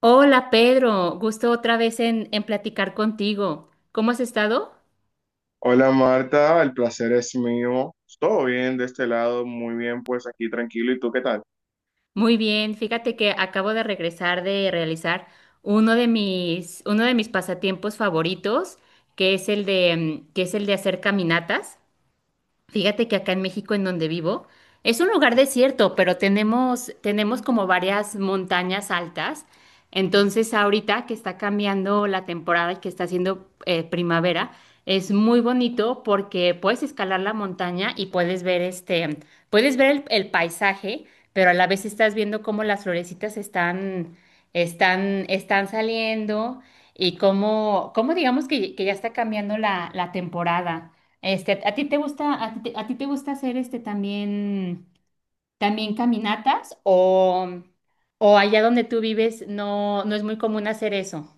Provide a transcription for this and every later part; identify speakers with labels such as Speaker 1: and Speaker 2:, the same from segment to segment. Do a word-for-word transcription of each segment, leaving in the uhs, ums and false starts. Speaker 1: Hola Pedro, gusto otra vez en, en platicar contigo. ¿Cómo has estado?
Speaker 2: Hola Marta, el placer es mío. Todo bien de este lado, muy bien, pues aquí tranquilo. ¿Y tú qué tal?
Speaker 1: Muy bien, fíjate que acabo de regresar de realizar uno de mis, uno de mis pasatiempos favoritos, que es el de, mm, que es el de hacer caminatas. Fíjate que acá en México, en donde vivo, es un lugar desierto, pero tenemos, tenemos como varias montañas altas. Entonces, ahorita que está cambiando la temporada y que está haciendo eh, primavera, es muy bonito porque puedes escalar la montaña y puedes ver este, puedes ver el, el paisaje, pero a la vez estás viendo cómo las florecitas están, están, están saliendo y cómo, cómo digamos que, que ya está cambiando la, la temporada. Este, ¿a ti te gusta, a ti te, a ti te gusta hacer este también, también caminatas o, o allá donde tú vives no, no es muy común hacer eso?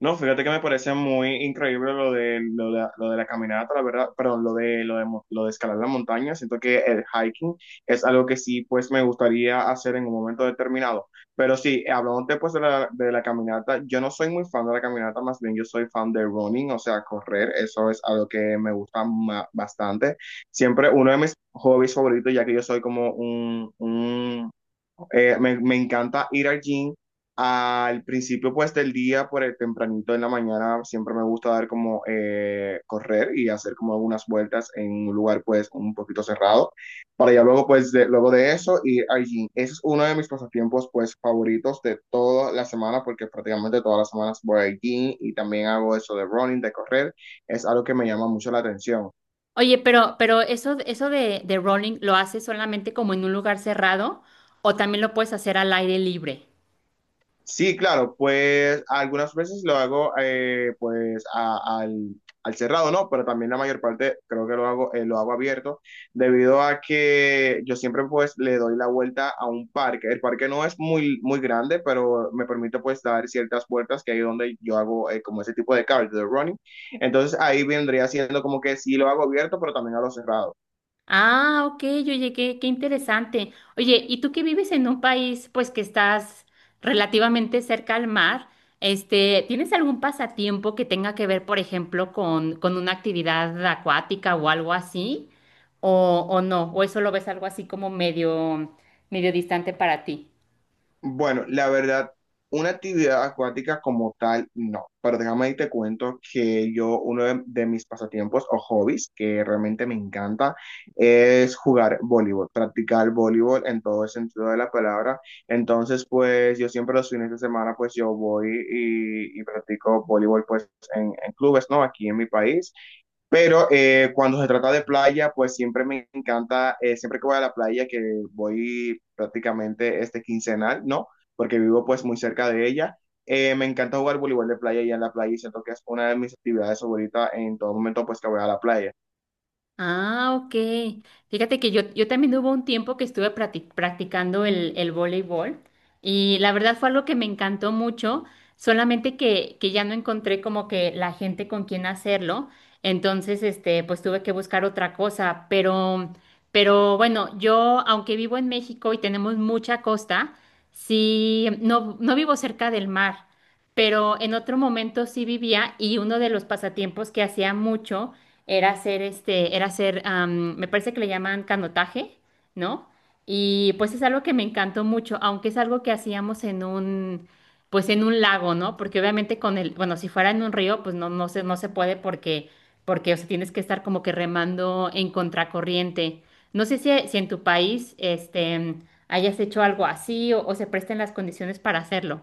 Speaker 2: No, fíjate que me parece muy increíble lo de, lo de, lo de la caminata, la verdad, perdón, lo de, lo de, mo- lo de escalar la montaña. Siento que el hiking es algo que sí, pues me gustaría hacer en un momento determinado. Pero sí, hablando pues de la, de la caminata, yo no soy muy fan de la caminata, más bien yo soy fan de running, o sea, correr, eso es algo que me gusta ma- bastante. Siempre uno de mis hobbies favoritos, ya que yo soy como un, un eh, me, me encanta ir al gym al principio pues del día, por el tempranito en la mañana, siempre me gusta dar como eh, correr y hacer como algunas vueltas en un lugar pues un poquito cerrado, para ya luego pues de, luego de eso ir al gym. Ese es uno de mis pasatiempos pues favoritos de toda la semana porque prácticamente todas las semanas voy al gym y también hago eso de running, de correr, es algo que me llama mucho la atención.
Speaker 1: Oye, pero, pero eso, eso de, de rolling, ¿lo haces solamente como en un lugar cerrado o también lo puedes hacer al aire libre?
Speaker 2: Sí, claro, pues algunas veces lo hago eh, pues a- al, al cerrado, ¿no? Pero también la mayor parte creo que lo hago, eh, lo hago abierto, debido a que yo siempre pues le doy la vuelta a un parque. El parque no es muy, muy grande, pero me permite pues dar ciertas vueltas que hay donde yo hago eh, como ese tipo de cardio, de running. Entonces ahí vendría siendo como que sí lo hago abierto, pero también a lo cerrado.
Speaker 1: Ah, ok, oye, qué, qué interesante. Oye, ¿y tú que vives en un país, pues que estás relativamente cerca al mar, este, ¿tienes algún pasatiempo que tenga que ver, por ejemplo, con, con una actividad acuática o algo así? ¿O, o no? ¿O eso lo ves algo así como medio, medio distante para ti?
Speaker 2: Bueno, la verdad, una actividad acuática como tal, no. Pero déjame y te cuento que yo, uno de, de mis pasatiempos o hobbies que realmente me encanta es jugar voleibol, practicar voleibol en todo el sentido de la palabra. Entonces, pues yo siempre los fines de semana, pues yo voy y, y practico voleibol, pues en, en clubes, ¿no? Aquí en mi país. Pero eh, cuando se trata de playa, pues siempre me encanta, eh, siempre que voy a la playa, que voy prácticamente este quincenal, ¿no? Porque vivo pues muy cerca de ella. Eh, me encanta jugar voleibol de playa y en la playa y siento que es una de mis actividades favoritas en todo momento pues que voy a la playa.
Speaker 1: Ah, ok. Fíjate que yo, yo también hubo un tiempo que estuve practi- practicando el, el voleibol y la verdad fue algo que me encantó mucho, solamente que, que ya no encontré como que la gente con quien hacerlo, entonces este, pues tuve que buscar otra cosa, pero, pero bueno, yo aunque vivo en México y tenemos mucha costa, sí, no, no vivo cerca del mar, pero en otro momento sí vivía y uno de los pasatiempos que hacía mucho era hacer este, era hacer, am, me parece que le llaman canotaje, ¿no? Y pues es algo que me encantó mucho, aunque es algo que hacíamos en un, pues en un lago, ¿no? Porque obviamente con el, bueno, si fuera en un río, pues no, no se, no se puede porque, porque, o sea, tienes que estar como que remando en contracorriente. No sé si, si en tu país, este, hayas hecho algo así o, o se presten las condiciones para hacerlo.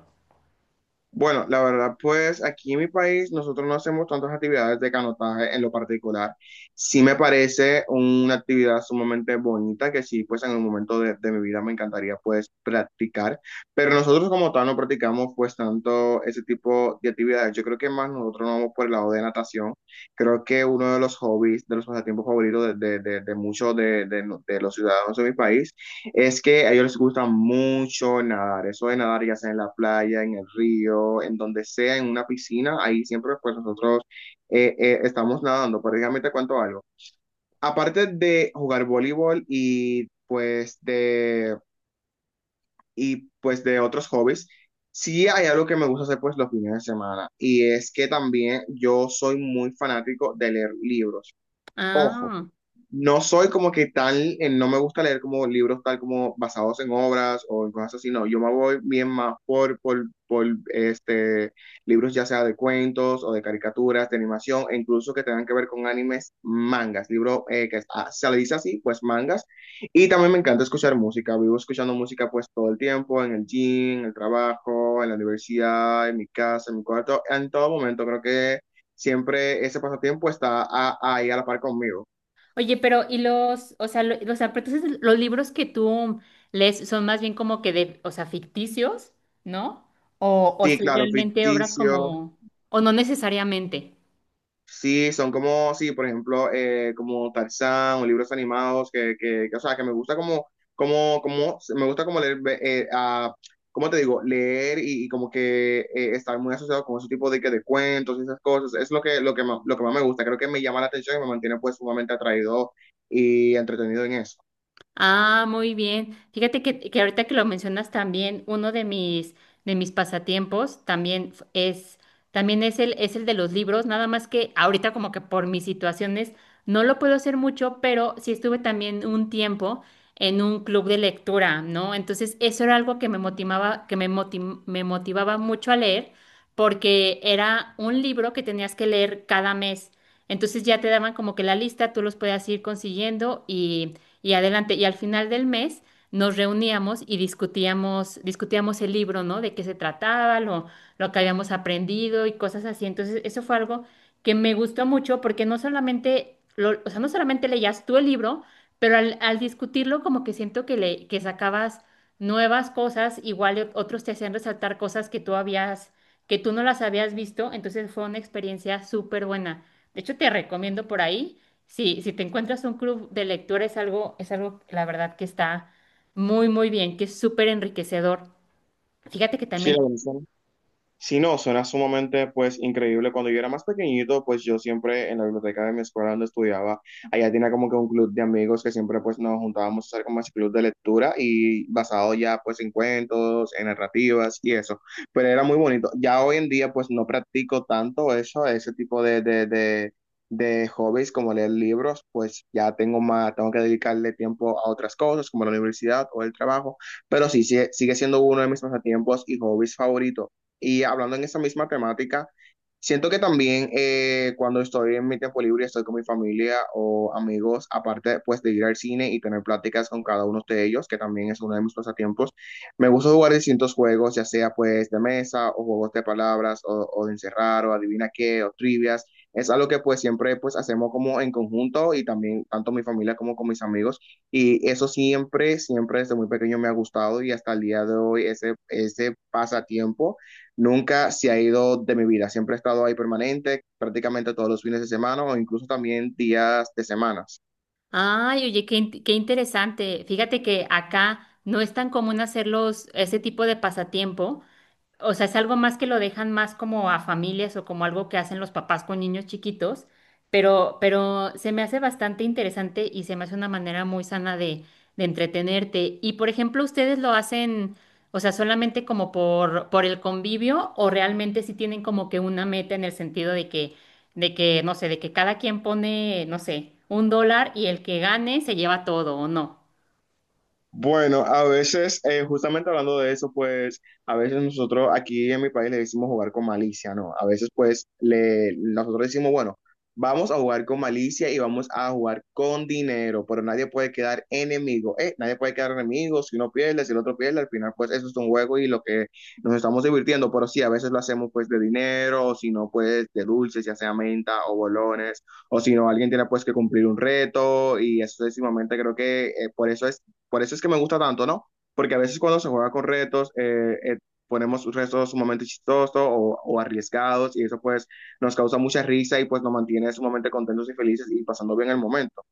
Speaker 2: Bueno, la verdad, pues aquí en mi país nosotros no hacemos tantas actividades de canotaje en lo particular. Sí me parece una actividad sumamente bonita que sí, pues en un momento de, de mi vida me encantaría pues practicar, pero nosotros como tal no practicamos pues tanto ese tipo de actividades. Yo creo que más nosotros nos vamos por el lado de natación. Creo que uno de los hobbies, de los pasatiempos favoritos de, de, de, de muchos de, de de los ciudadanos de mi país es que a ellos les gusta mucho nadar, eso de nadar ya sea en la playa, en el río, en donde sea, en una piscina, ahí siempre pues nosotros eh, eh, estamos nadando, prácticamente cuanto algo. Aparte de jugar voleibol y pues de, y, pues, de otros hobbies, sí hay algo que me gusta hacer pues los fines de semana y es que también yo soy muy fanático de leer libros. Ojo
Speaker 1: Ah.
Speaker 2: no soy como que tan, eh, no me gusta leer como libros tal como basados en obras o en cosas así, no, yo me voy bien más por, por, por este, libros ya sea de cuentos o de caricaturas, de animación, e incluso que tengan que ver con animes, mangas, libro eh, que es- ah, se le dice así, pues mangas, y también me encanta escuchar música, vivo escuchando música pues todo el tiempo, en el gym, en el trabajo, en la universidad, en mi casa, en mi cuarto, en todo momento, creo que siempre ese pasatiempo está a- ahí a la par conmigo.
Speaker 1: Oye, pero ¿y los, o sea, lo- los, entonces los libros que tú lees son más bien como que de, o sea, ficticios, ¿no? O, o
Speaker 2: Sí,
Speaker 1: si
Speaker 2: claro,
Speaker 1: realmente obras
Speaker 2: ficticio.
Speaker 1: como, o no necesariamente.
Speaker 2: Sí, son como, sí, por ejemplo, eh, como Tarzán o libros animados que, que, que, o sea, que me gusta como, como, como, me gusta como leer, ve- eh, ah, ¿cómo te digo? Leer y, y como que eh, estar muy asociado con ese tipo de, que de cuentos y esas cosas. Es lo que, lo que más, lo que más me gusta. Creo que me llama la atención y me mantiene pues sumamente atraído y entretenido en eso.
Speaker 1: Ah, muy bien. Fíjate que, que ahorita que lo mencionas también, uno de mis, de mis pasatiempos también f- es, también es el, es el de los libros, nada más que ahorita como que por mis situaciones no lo puedo hacer mucho, pero sí estuve también un tiempo en un club de lectura, ¿no? Entonces eso era algo que me motivaba, que me motim- me motivaba mucho a leer, porque era un libro que tenías que leer cada mes. Entonces ya te daban como que la lista, tú los podías ir consiguiendo y adelante. Y al final del mes nos reuníamos y discutíamos, discutíamos el libro, ¿no? De qué se trataba, lo, lo que habíamos aprendido y cosas así. Entonces, eso fue algo que me gustó mucho porque no solamente, lo- o sea, no solamente leías tú el libro, pero al, al discutirlo como que siento que, le, que sacabas nuevas cosas, igual y otros te hacían resaltar cosas que tú habías, que tú no las habías visto, entonces fue una experiencia súper buena. De hecho, te recomiendo por ahí. Sí, si te encuentras un club de lectura es algo, es algo, la verdad, que está muy, muy bien, que es súper enriquecedor. Fíjate que
Speaker 2: Sí, la
Speaker 1: también,
Speaker 2: verdad. Si no, suena sumamente pues increíble. Cuando yo era más pequeñito, pues yo siempre en la biblioteca de mi escuela donde estudiaba, allá tenía como que un club de amigos que siempre pues nos juntábamos a hacer como ese club de lectura y basado ya pues en cuentos, en narrativas y eso. Pero era muy bonito. Ya hoy en día pues no practico tanto eso, ese tipo de, de, de, de hobbies como leer libros, pues ya tengo más, tengo que dedicarle tiempo a otras cosas como la universidad o el trabajo. Pero sí, sigue, sigue siendo uno de mis pasatiempos y hobbies favoritos. Y hablando en esa misma temática, siento que también eh, cuando estoy en mi tiempo libre, estoy con mi familia o amigos, aparte pues de ir al cine y tener pláticas con cada uno de ellos, que también es uno de mis pasatiempos, me gusta jugar distintos juegos, ya sea pues de mesa o juegos de palabras o, o de encerrar o adivina qué o trivias. Es algo que pues siempre pues hacemos como en conjunto y también tanto mi familia como con mis amigos. Y eso siempre, siempre desde muy pequeño me ha gustado y hasta el día de hoy ese, ese pasatiempo nunca se ha ido de mi vida. Siempre he estado ahí permanente, prácticamente todos los fines de semana o incluso también días de semanas.
Speaker 1: ay, oye, qué, in- qué interesante. Fíjate que acá no es tan común hacerlos, ese tipo de pasatiempo. O sea, es algo más que lo dejan más como a familias o como algo que hacen los papás con niños chiquitos, pero, pero se me hace bastante interesante y se me hace una manera muy sana de, de entretenerte. Y por ejemplo, ¿ustedes lo hacen, o sea, solamente como por, por el convivio o realmente sí tienen como que una meta en el sentido de que, de que, no sé, de que cada quien pone, no sé, un dólar y el que gane se lleva todo o no?
Speaker 2: Bueno, a veces, eh, justamente hablando de eso, pues a veces nosotros aquí en mi país le decimos jugar con malicia, ¿no? A veces pues le, nosotros decimos, bueno, vamos a jugar con malicia y vamos a jugar con dinero, pero nadie puede quedar enemigo, ¿eh? Nadie puede quedar enemigo, si uno pierde, si el otro pierde, al final pues eso es un juego y lo que nos estamos divirtiendo, pero sí, a veces lo hacemos pues de dinero, o si no pues de dulces, ya sea menta o bolones, o si no alguien tiene pues que cumplir un reto y eso es sumamente creo que eh, por eso es por eso es que me gusta tanto, ¿no? Porque a veces cuando se juega con retos, eh, eh, ponemos retos sumamente chistosos o, o arriesgados y eso pues nos causa mucha risa y pues nos mantiene sumamente contentos y felices y pasando bien el momento.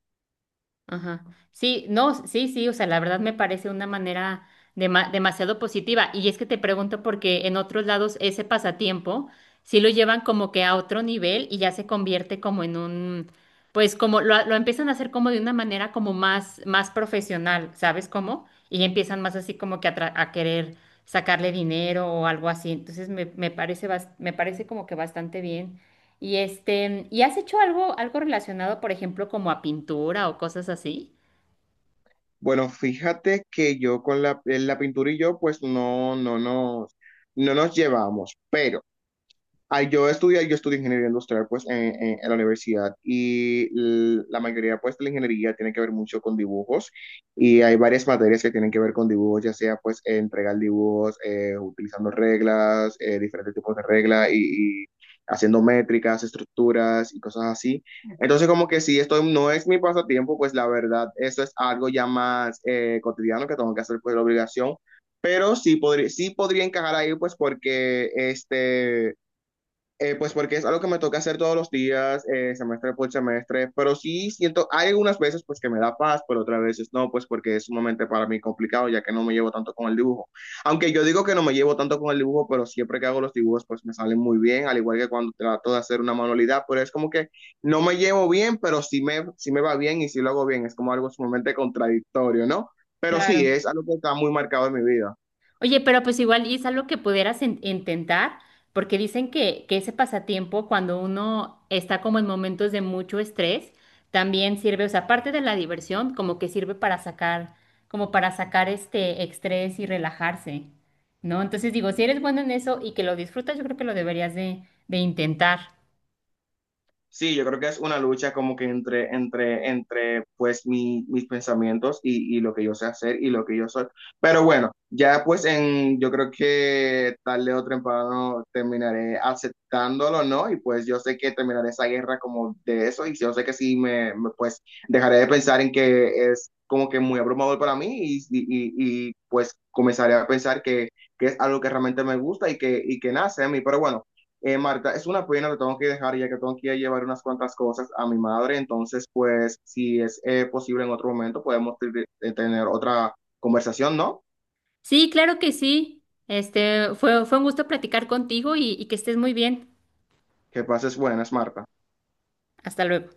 Speaker 1: Ajá. Sí, no, sí, sí, o sea, la verdad me parece una manera dema- demasiado positiva. Y es que te pregunto porque en otros lados ese pasatiempo sí lo llevan como que a otro nivel y ya se convierte como en un, pues como lo, lo empiezan a hacer como de una manera como más, más profesional, ¿sabes cómo? Y empiezan más así como que a, tra- a querer sacarle dinero o algo así. Entonces me, me parece, bas- me parece como que bastante bien. Y este, ¿y has hecho algo, algo relacionado, por ejemplo, como a pintura o cosas así?
Speaker 2: Bueno, fíjate que yo con la, eh, la pintura y yo pues no, no nos, no nos llevamos, pero... Ay, yo estudié, yo estudié ingeniería industrial pues en, en- en la universidad y l- la mayoría pues de la ingeniería tiene que ver mucho con dibujos y hay varias materias que tienen que ver con dibujos, ya sea pues entregar dibujos eh, utilizando reglas, eh, diferentes tipos de reglas y, y haciendo métricas, estructuras y cosas así. Entonces como que si esto no es mi pasatiempo, pues la verdad eso es algo ya más eh, cotidiano que tengo que hacer pues la obligación, pero sí, podría sí podría encajar ahí pues porque este... Eh, pues porque es algo que me toca hacer todos los días, eh, semestre por semestre, pero sí siento, hay algunas veces pues que me da paz, pero otras veces no, pues porque es sumamente para mí complicado, ya que no me llevo tanto con el dibujo. Aunque yo digo que no me llevo tanto con el dibujo, pero siempre que hago los dibujos pues me salen muy bien, al igual que cuando trato de hacer una manualidad, pero es como que no me llevo bien, pero sí me, sí me va bien y sí lo hago bien, es como algo sumamente contradictorio, ¿no? Pero sí,
Speaker 1: Claro.
Speaker 2: es algo que está muy marcado en mi vida.
Speaker 1: Oye, pero pues igual y es algo que pudieras in- intentar, porque dicen que, que ese pasatiempo, cuando uno está como en momentos de mucho estrés, también sirve, o sea, aparte de la diversión, como que sirve para sacar, como para sacar este estrés y relajarse, ¿no? Entonces digo, si eres bueno en eso y que lo disfrutas, yo creo que lo deberías de, de intentar.
Speaker 2: Sí, yo creo que es una lucha como que entre, entre, entre pues mi- mis pensamientos y, y lo que yo sé hacer y lo que yo soy. Pero bueno, ya pues en, yo creo que tarde o temprano terminaré aceptándolo, ¿no? Y pues yo sé que terminaré esa guerra como de eso y yo sé que sí me, me, pues dejaré de pensar en que es como que muy abrumador para mí y, y, y, y, pues comenzaré a pensar que, que es algo que realmente me gusta y que, y que nace a mí. Pero bueno. Eh, Marta, es una pena, te tengo que dejar ya que tengo que ir a llevar unas cuantas cosas a mi madre, entonces pues si es eh, posible en otro momento podemos te- te- tener otra conversación, ¿no?
Speaker 1: Sí, claro que sí. Este, fue, fue un gusto platicar contigo y, y que estés muy bien.
Speaker 2: Que pases buenas, Marta.
Speaker 1: Hasta luego.